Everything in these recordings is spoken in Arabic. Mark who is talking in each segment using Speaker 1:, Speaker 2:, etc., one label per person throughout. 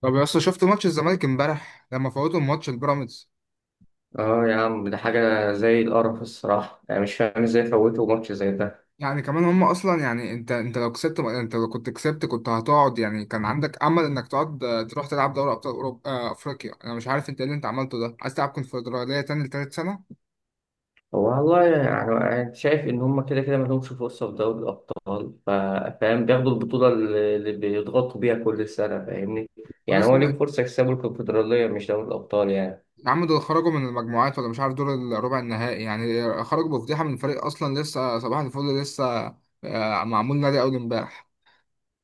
Speaker 1: طب يا اسطى، شفت ماتش الزمالك امبارح لما فوتوا الماتش البيراميدز؟
Speaker 2: اه يا عم، ده حاجة زي القرف الصراحة. يعني مش فاهم ازاي فوتوا ماتش زي ده.
Speaker 1: يعني كمان هم اصلا، يعني انت لو كنت كسبت كنت هتقعد. يعني كان عندك امل انك تقعد، تروح تلعب دوري ابطال اوروبا، افريقيا. انا مش عارف انت ايه اللي انت عملته ده، عايز تلعب كونفدراليه تاني لتالت سنه
Speaker 2: هو والله يعني أنا شايف إن هما كده كده ملهمش فرصة في دوري الأبطال. فاهم، بياخدوا البطولة اللي بيضغطوا بيها كل سنة. فاهمني؟
Speaker 1: ولا
Speaker 2: يعني هو ليهم
Speaker 1: سنة؟
Speaker 2: فرصة يكسبوا الكونفدرالية، مش دوري الأبطال يعني.
Speaker 1: يا عم، دول خرجوا من المجموعات ولا مش عارف، دول الربع النهائي، يعني خرجوا بفضيحه من فريق اصلا لسه صباح الفل لسه. معمول نادي اول امبارح.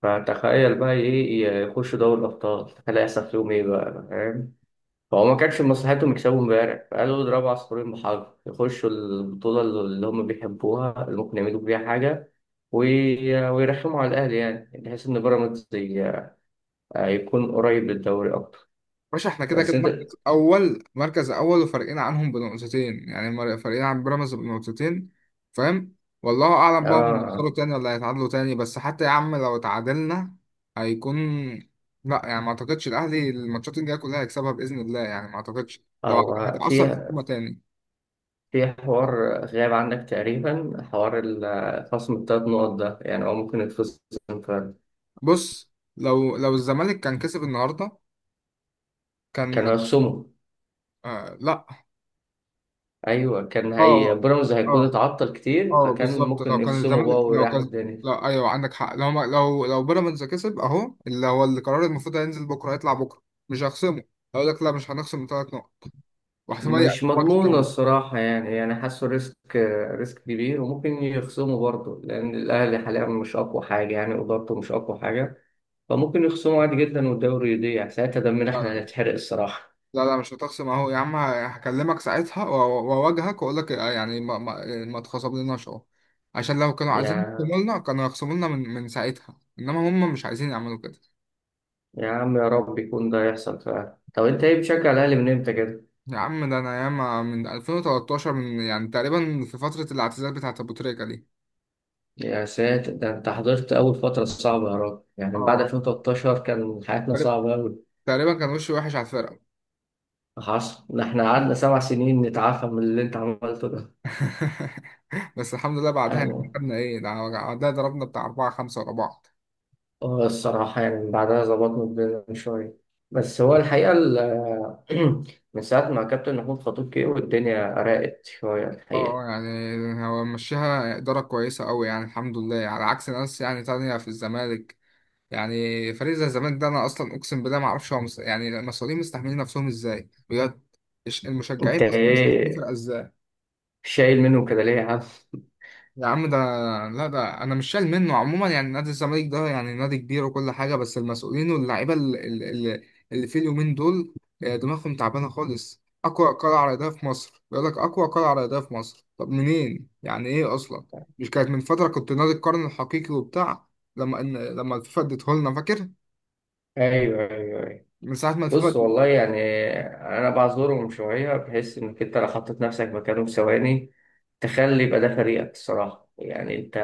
Speaker 2: فتخيل بقى إيه يخشوا دوري الأبطال، تخيل هيحصل فيهم إيه بقى. فاهم؟ فهو ما كانش من مصلحتهم يكسبوا امبارح، فقالوا اضربوا عصفورين بحجر، يخشوا البطولة اللي هم بيحبوها اللي ممكن يعملوا بيها حاجة. ويرخموا على الأهلي، يعني بحيث إن بيراميدز يكون قريب للدوري أكتر.
Speaker 1: باشا، احنا كده
Speaker 2: بس
Speaker 1: كده
Speaker 2: أنت.
Speaker 1: مركز اول، مركز اول، وفارقين عنهم بنقطتين، يعني فارقين عن بيراميدز بنقطتين. فاهم. والله اعلم بقى، هم يخسروا
Speaker 2: آه
Speaker 1: تاني ولا هيتعادلوا تاني؟ بس حتى يا عم لو اتعادلنا هيكون... لا، يعني ما اعتقدش الاهلي الماتشات الجايه كلها هيكسبها باذن الله، يعني ما اعتقدش لو
Speaker 2: هو
Speaker 1: هيتاثر
Speaker 2: في
Speaker 1: في هجمه تاني.
Speaker 2: في حوار غاب عنك تقريبا، حوار خصم التلات نقط ده. يعني هو ممكن يتخصم فعلا،
Speaker 1: بص، لو الزمالك كان كسب النهارده
Speaker 2: كان
Speaker 1: كان...
Speaker 2: هيخصمه.
Speaker 1: آه لا.
Speaker 2: أيوه، كان هي
Speaker 1: اه
Speaker 2: بيراميدز هيكون
Speaker 1: اه
Speaker 2: اتعطل كتير،
Speaker 1: اه،
Speaker 2: فكان
Speaker 1: بالظبط
Speaker 2: ممكن
Speaker 1: لو كان
Speaker 2: يخصموا
Speaker 1: الزمالك،
Speaker 2: بقى
Speaker 1: لو
Speaker 2: ويريحوا
Speaker 1: كان.
Speaker 2: الدنيا.
Speaker 1: لو ايوه عندك حق. لو ما... لو بيراميدز كسب اهو، اللي هو القرار المفروض هينزل بكره، هيطلع بكره مش هخصمه. هقول لك لا، مش هنخصم ثلاث نقط، واحتمال يعطيك
Speaker 2: مش
Speaker 1: ماتش
Speaker 2: مضمونة
Speaker 1: كمان.
Speaker 2: الصراحة يعني، يعني حاسه ريسك. ريسك كبير، وممكن يخصموا برضه لأن الأهلي حاليا مش أقوى حاجة، يعني إدارته مش أقوى حاجة. فممكن يخصموا عادي جدا والدوري يضيع ساعتها، دمنا
Speaker 1: لا
Speaker 2: إحنا
Speaker 1: لا لا،
Speaker 2: هنتحرق الصراحة.
Speaker 1: لا لا مش هتخصم اهو. يا عم، هكلمك ساعتها واواجهك واقول لك، يعني ما تخصملناش اهو. عشان لو كانوا
Speaker 2: يا
Speaker 1: عايزين يخصموا لنا كانوا يخصموا لنا من ساعتها، انما هم مش عايزين يعملوا كده.
Speaker 2: يا عم، يا رب يكون ده يحصل فعلا. طب أنت إيه بتشجع الأهلي من إمتى كده؟
Speaker 1: يا عم ده انا ياما من 2013، من يعني تقريبا في فتره الاعتزال بتاعت ابو تريكه دي.
Speaker 2: يا ساتر، ده أنت حضرت أول فترة صعبة يا راجل. يعني من بعد
Speaker 1: اه،
Speaker 2: 2013 كان حياتنا صعبة أوي.
Speaker 1: تقريبا كان وشه وحش على الفرقة.
Speaker 2: حصل ده، إحنا قعدنا سبع سنين نتعافى من اللي أنت عملته ده.
Speaker 1: بس الحمد لله بعدها يعني
Speaker 2: يعني
Speaker 1: خدنا ايه ده، بعدها ضربنا بتاع أربعة خمسة ورا بعض.
Speaker 2: اه، الصراحة يعني بعدها ظبطنا الدنيا من شوية. بس هو
Speaker 1: اه.
Speaker 2: الحقيقة من ساعة ما كابتن محمود خطيب جه والدنيا راقت شوية الحقيقة.
Speaker 1: يعني هو مشيها إدارة كويسة أوي، يعني الحمد لله، على عكس ناس يعني تانية في الزمالك. يعني فريق زي الزمالك ده، أنا أصلا أقسم بالله معرفش هو يعني المسؤولين مستحملين نفسهم إزاي بجد. المشجعين
Speaker 2: انت
Speaker 1: أصلا مستحملين
Speaker 2: ايه
Speaker 1: فرقة إزاي؟
Speaker 2: شايل منه كده ليه يا عم؟
Speaker 1: يا عم ده، لا ده انا مش شايل منه عموما. يعني نادي الزمالك ده يعني نادي كبير وكل حاجه، بس المسؤولين واللعيبه اللي في اليومين دول، دماغهم تعبانه خالص. اقوى قلعه رياضيه في مصر بيقول لك، اقوى قلعه رياضيه في مصر؟ طب منين؟ يعني ايه اصلا؟ مش كانت من فتره كنت نادي القرن الحقيقي وبتاع؟ لما لما الفيفا اديته لنا فاكر؟
Speaker 2: ايوه، ايوه.
Speaker 1: من ساعه ما
Speaker 2: بص
Speaker 1: الفيفا...
Speaker 2: والله يعني، انا بعذرهم شويه، بحيث انك انت لو حطيت نفسك مكانهم ثواني، تخلي يبقى ده فريقك الصراحه، يعني انت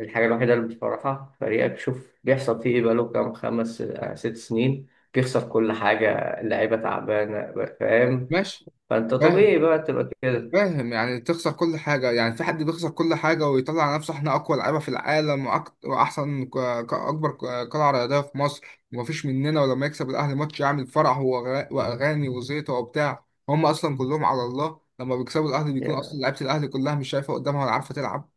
Speaker 2: الحاجه الوحيده اللي بتفرحها فريقك. شوف بيحصل فيه ايه، بقاله كام، خمس ست سنين بيخسر كل حاجه، اللعيبه تعبانه. فاهم؟
Speaker 1: ماشي.
Speaker 2: فانت طبيعي بقى تبقى كده.
Speaker 1: فاهم، يعني تخسر كل حاجة، يعني في حد بيخسر كل حاجة ويطلع على نفسه احنا أقوى لعيبة في العالم، وأحسن أكبر قلعة رياضية في مصر ومفيش مننا؟ ولما يكسب الأهلي ماتش يعمل فرح وأغاني وزيطة وبتاع. هم أصلا كلهم على الله، لما بيكسبوا الأهلي بيكون أصلا لعيبة الأهلي كلها مش شايفة قدامها ولا عارفة تلعب.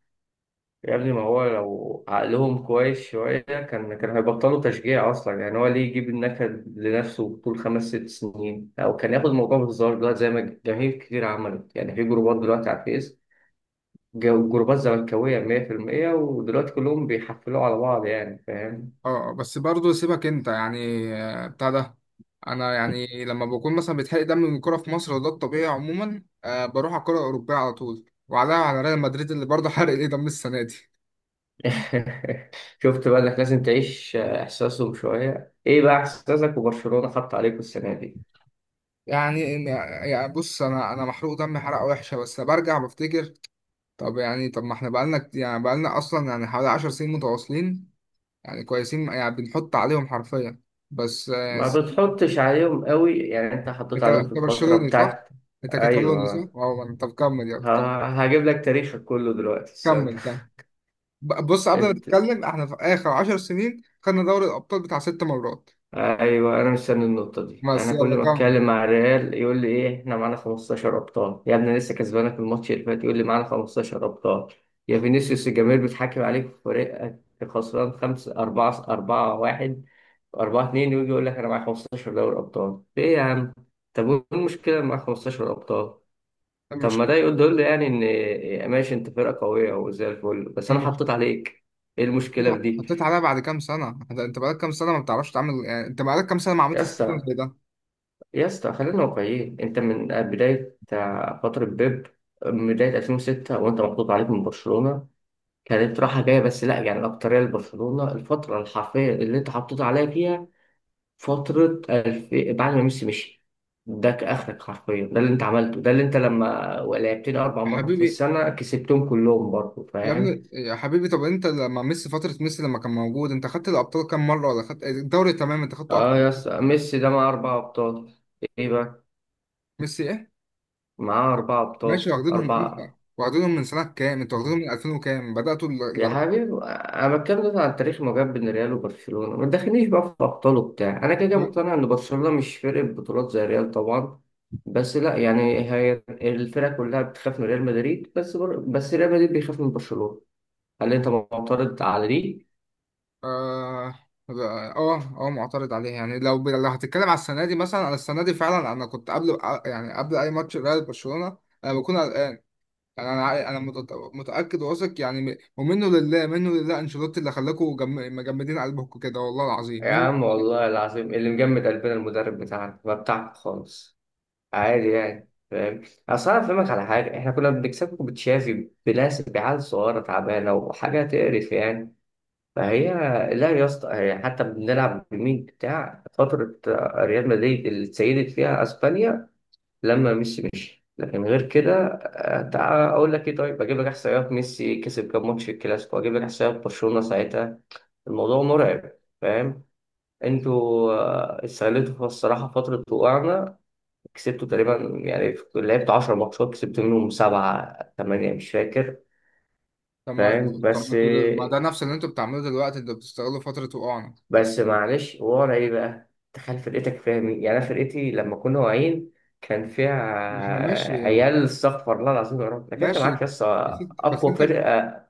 Speaker 2: يا ابني ما هو لو عقلهم كويس شوية كان، كان هيبطلوا تشجيع أصلا. يعني هو ليه يجيب النكد لنفسه طول خمس ست سنين، أو كان ياخد الموضوع بهزار دلوقتي زي ما جماهير كتير عملت، يعني في جروبات دلوقتي على الفيس. جروبات زملكاوية 100%، ودلوقتي كلهم بيحفلوا على بعض يعني. فاهم؟
Speaker 1: اه. بس برضه سيبك أنت، يعني بتاع ده. أنا يعني لما بكون مثلا بيتحرق دم من الكورة في مصر وده الطبيعي عموما، بروح على الكورة الأوروبية على طول وعليها، على ريال مدريد اللي برضه حرق ايه دم السنة دي.
Speaker 2: شفت بقى إنك لازم تعيش إحساسهم شوية؟ إيه بقى إحساسك وبرشلونة حط عليكم السنة دي؟
Speaker 1: يعني، يعني بص انا محروق دمي حرقه وحشه، بس برجع بفتكر. طب يعني، طب ما احنا بقالنا يعني بقالنا اصلا يعني حوالي 10 سنين متواصلين يعني كويسين، يعني بنحط عليهم حرفيا. بس
Speaker 2: ما بتحطش عليهم قوي، يعني أنت حطيت
Speaker 1: انت
Speaker 2: عليهم
Speaker 1: انت
Speaker 2: في الفترة
Speaker 1: برشلوني صح؟
Speaker 2: بتاعت،
Speaker 1: انت كتالوني صح؟
Speaker 2: ايوه.
Speaker 1: اه، طب كمل يلا كمل.
Speaker 2: هجيب لك تاريخك كله دلوقتي استنى.
Speaker 1: كمل كمل. بص، قبل ما
Speaker 2: انت،
Speaker 1: نتكلم احنا في اخر 10 سنين خدنا دوري الابطال بتاع ست مرات.
Speaker 2: ايوه، انا مستني النقطه دي.
Speaker 1: بس
Speaker 2: انا كل
Speaker 1: يلا
Speaker 2: ما
Speaker 1: كمل.
Speaker 2: اتكلم مع الريال يقول لي ايه، احنا معانا 15 ابطال. يا ابني لسه كسبانك الماتش اللي فات يقول لي معانا 15 ابطال. يا فينيسيوس، الجماهير بتحكم عليك في فريقك. خسران 5 4 4 1 4 2، ويجي يقول لك انا معايا 15 دوري ابطال. ايه يا عم؟ طب وايه المشكله إن معاك 15 ابطال؟ طب ما
Speaker 1: المشكله،
Speaker 2: ده يقول، ده يقول لي يعني ان ماشي انت فرقه قويه وزي الفل، بس انا
Speaker 1: المشكله،
Speaker 2: حطيت عليك. ايه
Speaker 1: حطيت،
Speaker 2: المشكله في دي؟
Speaker 1: حطيت عليها بعد كام سنه انت؟ أنت بقالك كام سنه ما بتعرفش تعمل، يعني انت بقالك كام سنه ما
Speaker 2: يا
Speaker 1: عملتش سيستم
Speaker 2: اسطى،
Speaker 1: زي ده.
Speaker 2: يا اسطى خلينا واقعيين، انت من بداية فترة بيب، من بداية 2006 وانت محطوط عليك من برشلونة. كانت راحة جاية بس لا يعني. الأكترية لبرشلونة، الفترة الحرفية اللي انت حطيت عليها فيها، بعد ما ميسي مشي، ده كآخرك حرفيا. ده اللي انت عملته، ده اللي انت لما لعبتني أربع
Speaker 1: يا
Speaker 2: مرات في
Speaker 1: حبيبي،
Speaker 2: السنة كسبتهم كلهم برضه.
Speaker 1: يا
Speaker 2: فاهم؟
Speaker 1: ابني يا حبيبي، طب انت لما ميسي، فترة ميسي لما كان موجود انت خدت الابطال كام مرة ولا خدت الدوري؟ تمام، انت خدته اكتر؟
Speaker 2: اه يا اسطى، ميسي ده معاه أربع أبطال. ايه بقى؟
Speaker 1: ميسي ايه؟
Speaker 2: معاه أربع أبطال،
Speaker 1: ماشي، واخدينهم امتى؟
Speaker 2: أربعة.
Speaker 1: واخدينهم من سنة كام؟ انت واخدينهم من 2000 وكام؟ بدأتوا
Speaker 2: يا
Speaker 1: الاربعة.
Speaker 2: حبيبي، انا بتكلم دلوقتي عن تاريخ ما بين ريال وبرشلونه، ما تدخلنيش بقى في ابطال وبتاع. انا كده كده
Speaker 1: طب-.
Speaker 2: مقتنع ان برشلونه مش فرقه بطولات زي ريال طبعا، بس لا يعني. هي الفرقه كلها بتخاف من ريال مدريد، بس ريال مدريد بيخاف من برشلونه. هل انت معترض على دي؟
Speaker 1: اه اه اه. معترض عليه. يعني لو لو هتتكلم على السنة دي مثلا، انا السنة دي فعلا انا كنت قبل، يعني قبل اي ماتش ريال برشلونة انا بكون قلقان. يعني انا انا متأكد واثق، يعني ومنه لله منه لله انشيلوتي اللي خلاكوا مجمدين قلبكم كده، والله العظيم.
Speaker 2: يا عم، والله العظيم اللي مجمد قلبنا المدرب بتاعنا، ما بتاعك خالص. عادي يعني. فاهم؟ اصل انا افهمك على حاجه، احنا كنا بنكسبكم بتشافي، بناس، بعيال صغيره تعبانه وحاجه تقرف يعني. فهي لا يا اسطى، هي حتى بنلعب بمين بتاع فترة ريال مدريد اللي اتسيدت فيها اسبانيا لما ميسي مشي. لكن غير كده تعال اقول لك ايه. طيب اجيب لك احصائيات ميسي كسب كام ماتش في الكلاسيكو، اجيب لك احصائيات برشلونة ساعتها. الموضوع مرعب. فاهم؟ انتوا استغلتوا الصراحة فترة وقعنا. كسبتوا تقريبا، يعني لعبت 10 ماتشات كسبت منهم سبعة ثمانية مش فاكر.
Speaker 1: طب ما
Speaker 2: فاهم
Speaker 1: طب ما
Speaker 2: بس؟
Speaker 1: انتوا ما ده نفس اللي انتوا بتعملوه دلوقتي، انتوا بتستغلوا فترة وقوعنا.
Speaker 2: بس معلش، ورا ايه بقى؟ تخيل فرقتك فيها مين، يعني انا فرقتي لما كنا واعيين كان فيها
Speaker 1: احنا ماشي يا-.
Speaker 2: عيال استغفر الله العظيم يا رب. لكن انت
Speaker 1: ماشي،
Speaker 2: معاك يس،
Speaker 1: بس
Speaker 2: اقوى
Speaker 1: انت.
Speaker 2: فرقه،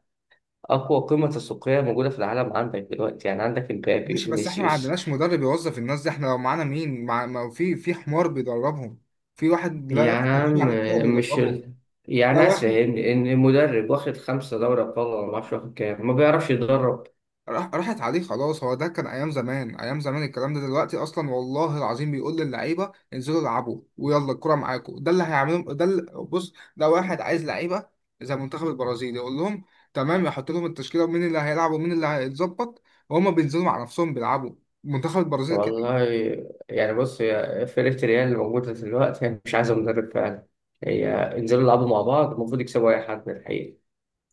Speaker 2: اقوى قيمه تسويقيه موجوده في العالم عندك دلوقتي، يعني عندك امبابي،
Speaker 1: ماشي، بس احنا ما
Speaker 2: فينيسيوس.
Speaker 1: عندناش مدرب يوظف الناس دي. احنا لو معانا مين، مع ما في، في حمار بيدربهم، في واحد لا
Speaker 2: يا
Speaker 1: يفقه شيء
Speaker 2: عم
Speaker 1: عن الكورة
Speaker 2: مش
Speaker 1: بيدربهم. لا،
Speaker 2: يعني عايز
Speaker 1: واحد
Speaker 2: فاهمني ان المدرب واخد خمسه دوري ابطال ولا ما اعرفش واخد كام، ما بيعرفش يدرب؟
Speaker 1: راح، راحت عليه خلاص. هو ده كان ايام زمان، ايام زمان الكلام ده. دلوقتي اصلا والله العظيم بيقول للعيبه انزلوا العبوا ويلا الكره معاكم، ده اللي هيعملهم، ده اللي، بص ده واحد عايز لعيبه زي منتخب البرازيل، يقول لهم تمام، يحط لهم التشكيله ومين اللي هيلعب ومين اللي هيتظبط، وهما بينزلوا مع نفسهم بيلعبوا. منتخب البرازيل كده.
Speaker 2: والله يعني بص، هي فرقة ريال اللي موجودة دلوقتي هي مش عايزة مدرب فعلا. هي انزلوا العبوا مع بعض المفروض يكسبوا أي حد من الحقيقة.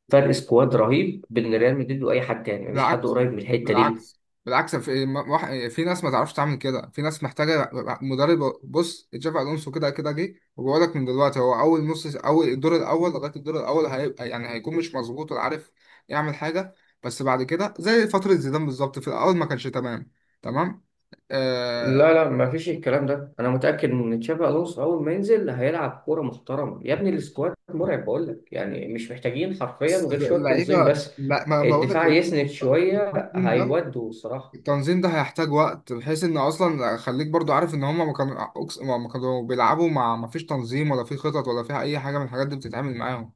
Speaker 2: فرق سكواد رهيب بين ريال مدريد وأي حد تاني، مفيش حد
Speaker 1: بالعكس،
Speaker 2: قريب من الحتة دي.
Speaker 1: بالعكس، بالعكس، في في ناس ما تعرفش تعمل كده، في ناس محتاجه مدرب. بص، تشافي الونسو كده كده جه، وبقول لك من دلوقتي هو اول نص، اول الدور الاول لغايه الدور الاول هيبقى، يعني هيكون مش مظبوط ولا عارف يعمل حاجه. بس بعد كده زي فتره زيدان بالظبط، في الاول ما كانش تمام. تمام. آه.
Speaker 2: لا لا، مفيش الكلام ده. أنا متأكد إن تشابي ألونسو أول ما ينزل هيلعب كورة محترمة يا ابني. السكواد مرعب بقول لك، يعني مش محتاجين حرفيا
Speaker 1: بس
Speaker 2: غير شوية تنظيم
Speaker 1: اللعيبه،
Speaker 2: بس.
Speaker 1: لا ما بقول لك،
Speaker 2: الدفاع يسند شوية
Speaker 1: التنظيم ده،
Speaker 2: هيودوا الصراحة.
Speaker 1: التنظيم ده هيحتاج وقت، بحيث ان اصلا خليك برضو عارف ان هما ما كانوا ما كانوا بيلعبوا، مع ما فيش تنظيم، ولا في خطط، ولا فيها اي حاجه من الحاجات دي بتتعامل معاهم.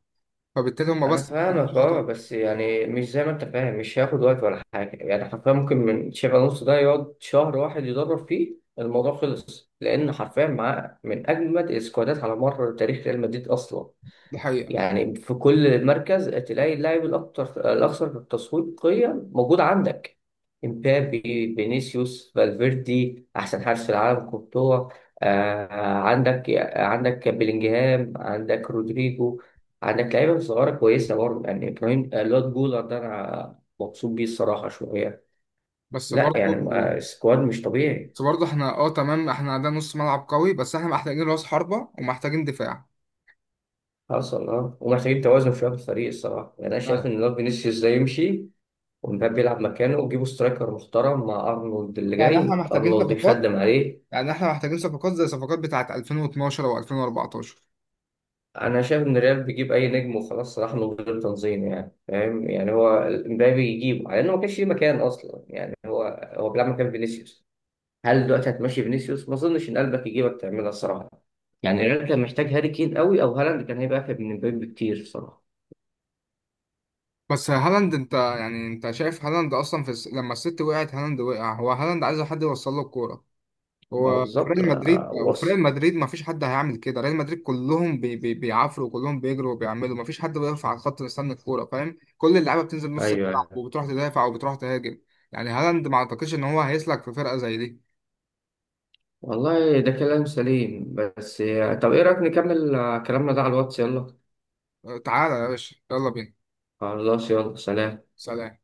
Speaker 1: فبالتالي هما
Speaker 2: انا
Speaker 1: بس محتاجين
Speaker 2: فاهمك
Speaker 1: شويه
Speaker 2: اه،
Speaker 1: وقت.
Speaker 2: بس يعني مش زي ما انت فاهم، مش هياخد وقت ولا حاجه. يعني حرفيا ممكن من شبه نص ده يقعد شهر واحد يدرب فيه، الموضوع خلص. لان حرفيا معاه من اجمد السكوادات على مر تاريخ ريال مدريد اصلا.
Speaker 1: دي حقيقه.
Speaker 2: يعني في كل مركز تلاقي اللاعب الأكثر تسويقيا موجود عندك. امبابي، فينيسيوس، فالفيردي، أحسن حارس في العالم كورتوا. آه، عندك عندك بيلينجهام، عندك رودريجو، عندك لعيبة صغيرة كويسة برضه، يعني إبراهيم، لوت جولر ده أنا مبسوط بيه الصراحة شوية.
Speaker 1: بس
Speaker 2: لا يعني
Speaker 1: برضو
Speaker 2: السكواد مش طبيعي.
Speaker 1: بس برضو احنا، اه تمام، احنا عندنا نص ملعب قوي بس احنا محتاجين راس حربه، ومحتاجين دفاع.
Speaker 2: حصل اه، ومحتاجين توازن شوية في الفريق الصراحة. يعني أنا شايف
Speaker 1: يعني،
Speaker 2: إن لوت فينيسيوس ده يمشي ومبابي يلعب مكانه، وتجيبوا سترايكر محترم. مع ارنولد اللي
Speaker 1: يعني احنا
Speaker 2: جاي،
Speaker 1: محتاجين
Speaker 2: ارنولد
Speaker 1: صفقات.
Speaker 2: يخدم عليه.
Speaker 1: يعني احنا محتاجين صفقات زي صفقات بتاعه 2012 او 2014.
Speaker 2: انا شايف ان الريال بيجيب اي نجم وخلاص صراحه من غير تنظيم. يعني فاهم، يعني هو مبابي يجيبه على انه ما كانش ليه مكان اصلا. يعني هو بيلعب مكان فينيسيوس. هل دلوقتي هتمشي فينيسيوس؟ ما اظنش ان قلبك يجيبك تعملها الصراحه. يعني الريال كان محتاج هاري كين قوي، او هالاند كان هيبقى افيد من مبابي بكتير الصراحه.
Speaker 1: بس هالاند، انت يعني انت شايف هالاند اصلا في لما الست وقعت هالاند وقع. هو هالاند عايز حد يوصل له الكوره.
Speaker 2: ما هو
Speaker 1: هو في
Speaker 2: بالظبط.
Speaker 1: ريال مدريد، وفي ريال
Speaker 2: وصف.
Speaker 1: مدريد ما فيش حد هيعمل كده. ريال مدريد كلهم بي بي بيعافروا، كلهم بيجروا وبيعملوا، ما فيش حد بيقف على الخط مستني الكوره. فاهم؟ كل اللعيبه بتنزل نص
Speaker 2: ايوه،
Speaker 1: الملعب
Speaker 2: أيوة.
Speaker 1: وبتروح تدافع وبتروح تهاجم. يعني هالاند ما اعتقدش ان هو هيسلك في فرقه زي دي.
Speaker 2: والله ده كلام سليم، بس طب ايه رايك نكمل كلامنا ده على الواتس، يلا.
Speaker 1: أه، تعالى يا باشا يلا بينا.
Speaker 2: خلاص يلا، سلام.
Speaker 1: سلام.